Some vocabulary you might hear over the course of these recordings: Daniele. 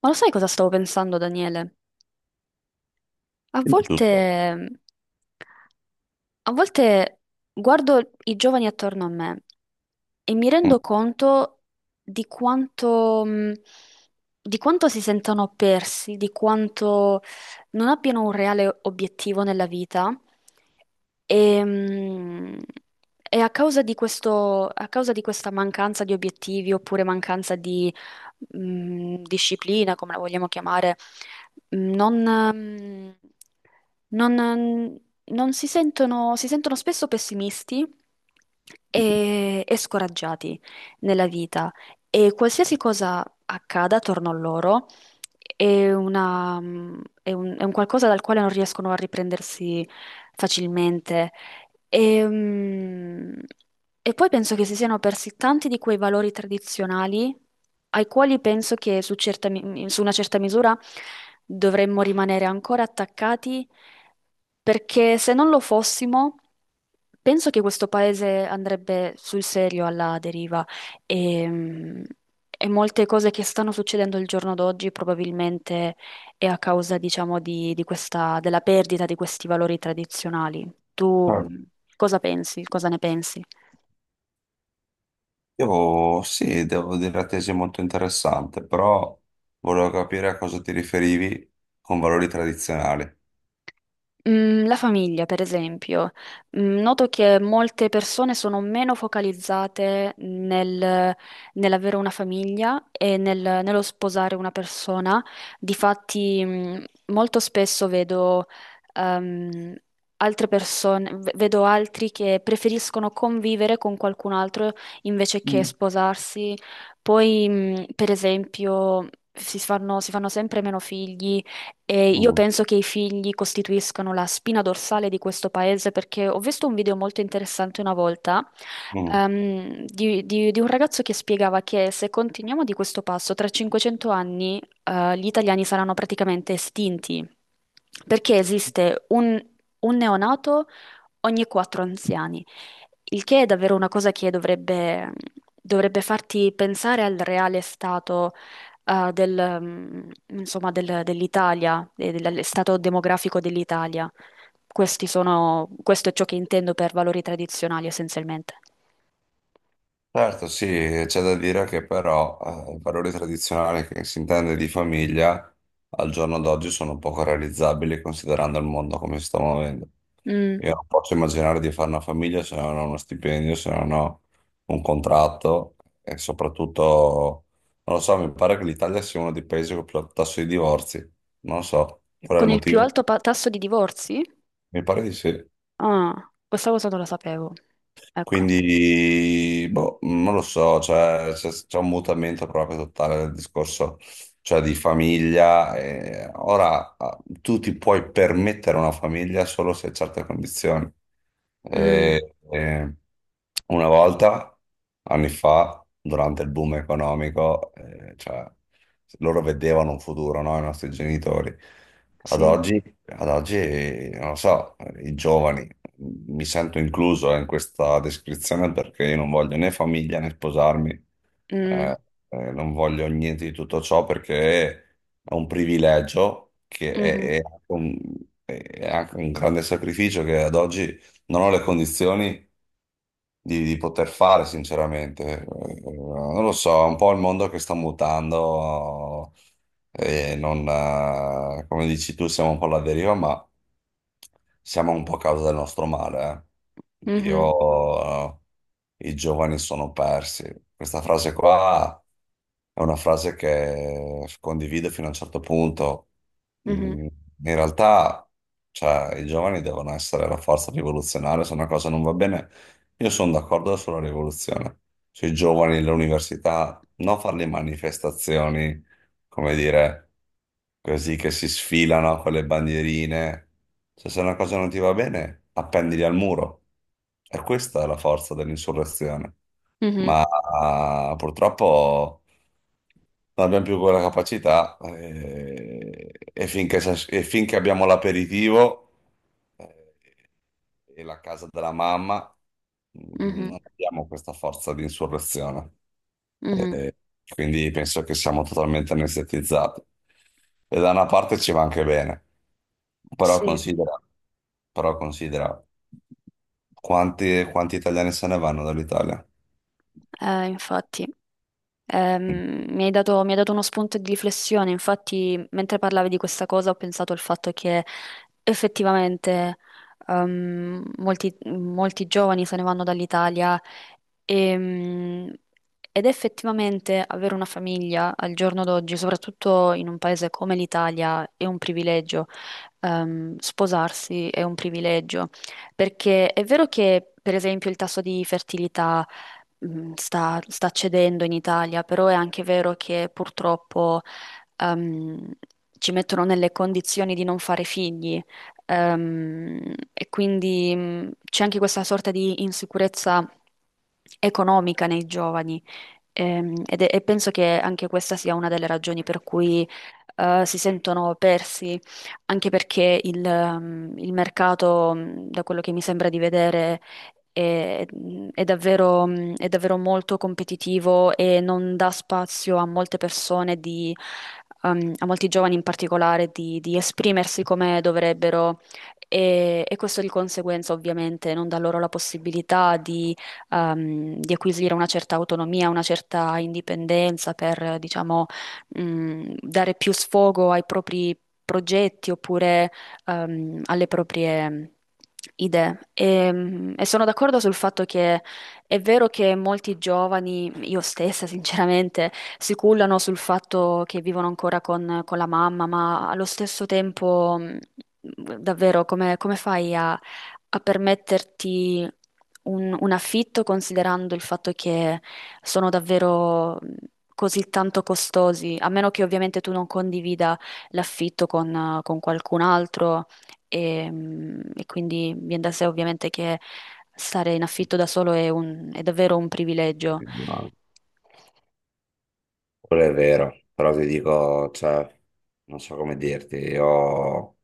Ma lo sai cosa stavo pensando, Daniele? A Di volte, tutto. a volte guardo i giovani attorno a me e mi Mm. rendo conto di quanto, mh, di quanto si sentano persi, di quanto non abbiano un reale obiettivo nella vita. E, mh, e a causa di questo, a causa di questa mancanza di obiettivi oppure mancanza di disciplina, come la vogliamo chiamare, non, mm, non, non si sentono, si sentono spesso pessimisti e scoraggiati nella vita e qualsiasi cosa accada attorno a loro è una- è è un qualcosa dal quale non riescono a riprendersi facilmente e, mm, e poi penso che si siano persi tanti di quei valori tradizionali ai quali penso che su una certa misura dovremmo rimanere ancora attaccati, perché se non lo fossimo, penso che questo paese andrebbe sul serio alla deriva e, mm, e molte cose che stanno succedendo il giorno d'oggi probabilmente e a causa, diciamo, di questa, della perdita di questi valori tradizionali. Tu Certo. Cosa pensi? Cosa ne pensi? Devo, sì, devo dire la tesi è molto interessante, però volevo capire a cosa ti riferivi con valori tradizionali. La famiglia, per esempio, noto che molte persone sono meno focalizzate nell'avere una famiglia e nello sposare una persona. Difatti, molto spesso vedo, ehm, altre persone, vedo altri che preferiscono convivere con qualcun altro invece che Mm. sposarsi. Poi, per esempio, si fanno sempre meno figli e io Mm, penso che i figli costituiscano la spina dorsale di questo paese perché ho visto un video molto interessante una volta mm. Di un ragazzo che spiegava che se continuiamo di questo passo, tra 500 anni gli italiani saranno praticamente estinti perché esiste un neonato ogni quattro anziani, il che è davvero una cosa che dovrebbe farti pensare al reale stato eh, del, mm, insomma, dell'Italia, e del stato demografico dell'Italia. Questo è ciò che intendo per valori tradizionali essenzialmente. Certo, sì, c'è da dire che però i valori tradizionali che si intende di famiglia al giorno d'oggi sono poco realizzabili considerando il mondo come si sta muovendo. Mm. Io non posso immaginare di fare una famiglia se non ho uno stipendio, se non ho un contratto e soprattutto, non lo so, mi pare che l'Italia sia uno dei paesi con più alto tasso di divorzi. Non lo so, qual è il Con il più motivo? alto tasso di divorzi? Mi pare di sì. Ah, questa cosa non la sapevo. Ecco. Quindi, boh, non lo so, cioè, c'è un mutamento proprio totale del discorso, cioè di famiglia. E ora tu ti puoi permettere una famiglia solo se hai certe condizioni. Mm, E una volta, anni fa, durante il boom economico, cioè, loro vedevano un futuro, no? I nostri genitori. Ad sì. oggi ad oggi, non lo so, i giovani, mi sento incluso in questa descrizione perché io non voglio né famiglia né sposarmi, Mm, eh, non voglio niente di tutto ciò perché è un privilegio che è, mhm, è anche un, è anche un grande sacrificio che ad oggi non ho le condizioni di poter fare, sinceramente. Non lo so, è un po' il mondo che sta mutando e non, come dici tu, siamo un po' alla deriva, ma siamo un po' a causa del nostro male. Mhm, Io, i giovani sono persi. Questa frase qua è una frase che condivido fino a un certo punto. mhm, Mm, In realtà, cioè, i giovani devono essere la forza rivoluzionaria, se una cosa non va bene, io sono d'accordo sulla rivoluzione, sui giovani, le università, non fare le manifestazioni come dire, così che si sfilano con le bandierine. Cioè, se una cosa non ti va bene, appendili al muro. E questa è la forza dell'insurrezione. mhm, Ma purtroppo non abbiamo più quella capacità e finché abbiamo l'aperitivo eh, e la casa della mamma, mhm, non abbiamo questa forza di insurrezione. mhm. Eh, quindi penso che siamo totalmente anestetizzati. E da una parte ci va anche bene, però Sì, considera, però considera quanti, quanti italiani se ne vanno dall'Italia. Infatti. Mm. Mi hai dato uno spunto di riflessione, infatti mentre parlavi di questa cosa ho pensato al fatto che effettivamente molti, molti giovani se ne vanno dall'Italia ehm, ed effettivamente avere una famiglia al giorno d'oggi, soprattutto in un paese come l'Italia, è un privilegio. Sposarsi è un privilegio perché è vero che per esempio il tasso di fertilità sta cedendo in Italia, però è anche vero che purtroppo ehm, ci mettono nelle condizioni di non fare figli, e quindi c'è anche questa sorta di insicurezza economica nei giovani. E penso che anche questa sia una delle ragioni per cui si sentono persi, anche perché il mercato, da quello che mi sembra di vedere, è, è davvero, è davvero molto competitivo e non dà spazio a molte persone di, a molti giovani in particolare di esprimersi come dovrebbero. E questo di conseguenza ovviamente non dà loro la possibilità di acquisire una certa autonomia, una certa indipendenza per, diciamo, dare più sfogo ai propri progetti oppure alle proprie idee. E sono d'accordo sul fatto che è vero che molti giovani, io stessa sinceramente, si cullano sul fatto che vivono ancora con la mamma, ma allo stesso tempo, davvero, come, come fai a permetterti un affitto considerando il fatto che sono davvero... così tanto costosi, a meno che ovviamente tu non condivida l'affitto con qualcun altro e quindi viene da sé ovviamente che stare in affitto da solo è davvero un privilegio. No, quello è vero, però ti dico, cioè, non so come dirti, io,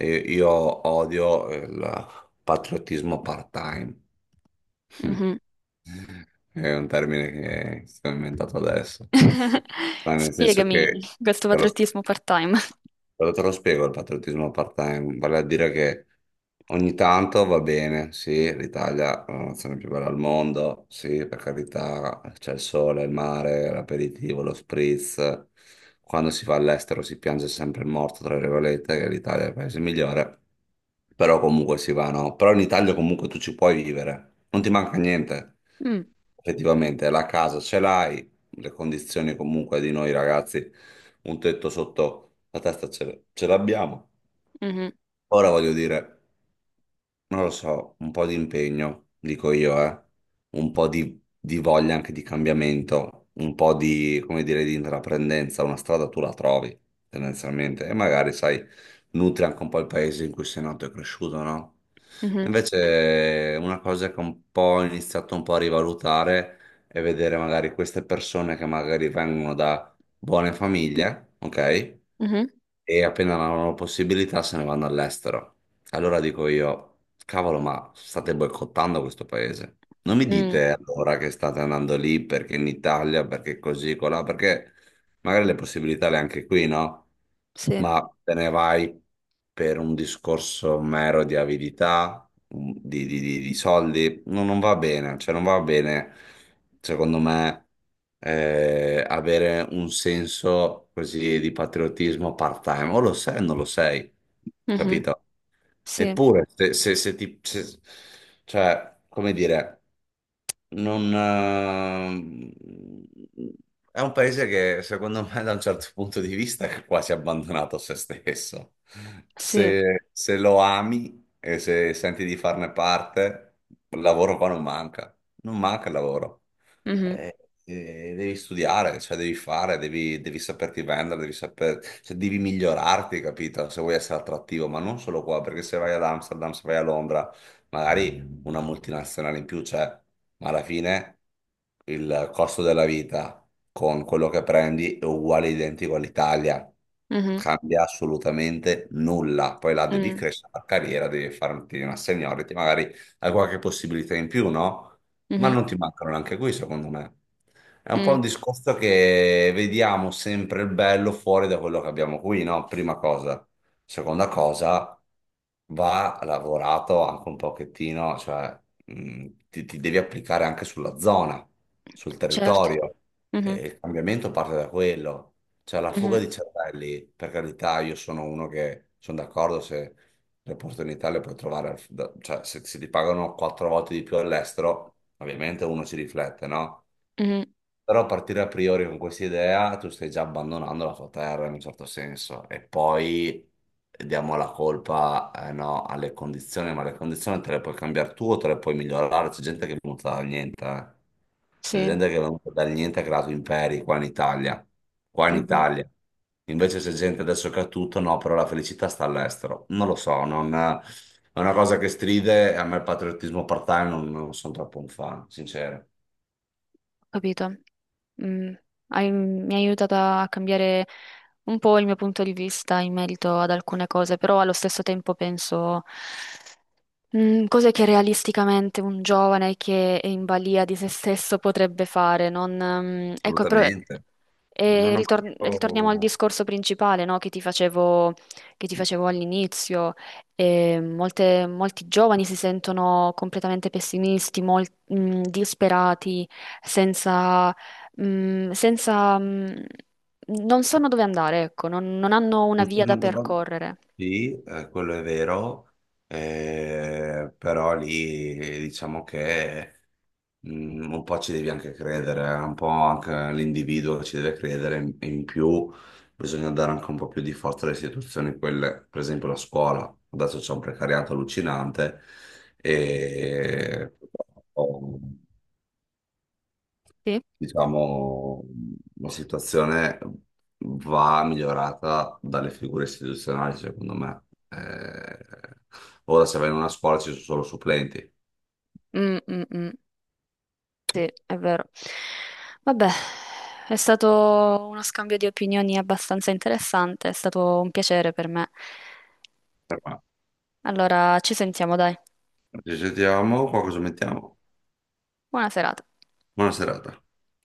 io odio il patriottismo part-time. Mhm. È un termine che sto inventando adesso, ma nel senso Spiegami che. questo patriottismo part-time. Però te lo spiego il patriottismo part-time, vale a dire che ogni tanto va bene, sì, l'Italia è la nazione più bella al mondo, sì, per carità, c'è il sole, il mare, l'aperitivo, lo spritz. Quando si va all'estero si piange sempre il morto, tra virgolette, che l'Italia è il paese migliore, però comunque si va, no? Però in Italia comunque tu ci puoi vivere, non ti manca niente. Mm, Effettivamente la casa ce l'hai, le condizioni comunque di noi ragazzi, un tetto sotto la testa ce l'abbiamo. mhm, Ora voglio dire non lo so, un po' di impegno, dico io, eh. Un po' di voglia anche di cambiamento, un po' di, come dire, di intraprendenza, una strada tu la trovi, tendenzialmente, e magari, sai, nutri anche un po' il paese in cui sei nato e cresciuto, no? mhm, Invece una cosa che un po' ho iniziato un po' a rivalutare è vedere magari queste persone che magari vengono da buone famiglie, ok? mhm, E appena hanno la possibilità se ne vanno all'estero. Allora dico io, cavolo, ma state boicottando questo paese. Non mi mm, dite allora che state andando lì perché in Italia, perché così, colà, perché magari le possibilità le hai anche qui, no? sì, Ma te ne vai per un discorso mero di avidità, di soldi, no, non va bene, cioè non va bene, secondo me, avere un senso così di patriottismo part-time, o lo sei o non lo sei, mhm, capito? sì, Eppure, se, se- se ti... se- cioè, come dire non, è un paese che secondo me da un certo punto di vista è quasi abbandonato a se stesso. sì, Se lo ami e se senti di farne parte, il lavoro qua non manca, non manca il lavoro. mhm, Eh, devi studiare, cioè devi fare, devi saperti vendere, cioè devi migliorarti, capito? Se vuoi essere attrattivo, ma non solo qua, perché se vai ad Amsterdam, se vai a Londra, magari una multinazionale in più, cioè, ma alla fine il costo della vita con quello che prendi è uguale identico all'Italia. mhm, Cambia assolutamente nulla. Poi là devi mm, crescere la carriera, devi farti una seniority, magari hai qualche possibilità in più, no? Ma mhm, non ti mancano neanche qui, secondo me. È un po' mm, un discorso che vediamo sempre il bello fuori da quello che abbiamo qui, no? Prima cosa. Seconda cosa, va lavorato anche un pochettino, cioè ti devi applicare anche sulla zona, sul certo, territorio. E mhm, il cambiamento parte da quello. Cioè la mhm, fuga di cervelli, per carità, io sono uno che sono d'accordo se le opportunità le puoi trovare, cioè se ti pagano quattro volte di più all'estero, ovviamente uno ci riflette, no? mhm, Però partire a priori con questa idea, tu stai già abbandonando la tua terra in un certo senso e poi diamo la colpa, no, alle condizioni, ma le condizioni te le puoi cambiare tu o te le puoi migliorare. C'è gente che è venuta dal niente, eh. C'è sì, gente che è venuta dal niente e ha creato imperi qua in Italia, qua in Italia. Invece c'è gente adesso che ha tutto, no, però la felicità sta all'estero. Non lo so, non è una cosa che stride, a me il patriottismo part-time non sono troppo un fan, sincero. capito? Mm, mi hai aiutato a cambiare un po' il mio punto di vista in merito ad alcune cose, però allo stesso tempo penso cose che realisticamente un giovane che è in balia di se stesso potrebbe fare. Non, ecco, però. Assolutamente. Non E ho mai. ritor- ritorniamo al Oh, discorso principale, no, che ti facevo all'inizio. Molti giovani si sentono completamente pessimisti, disperati, senza, senza, non sanno dove andare, ecco, non, non hanno una giusto, via da non dovrò- percorrere. sì, quello è vero, però lì diciamo che un po' ci devi anche credere, un po' anche l'individuo ci deve credere, in più bisogna dare anche un po' più di forza alle istituzioni, quelle, per esempio la scuola, adesso c'è un precariato allucinante e... Sì, Diciamo, la situazione va migliorata dalle figure istituzionali, secondo me. Ora se vai in una scuola ci sono solo supplenti. mm, mm, mm. Sì, è vero. Vabbè, è stato uno scambio di opinioni abbastanza interessante, è stato un piacere per me. Però. Allora, ci sentiamo, dai. Ci sentiamo, qua cosa mettiamo? Buona serata. Buona serata.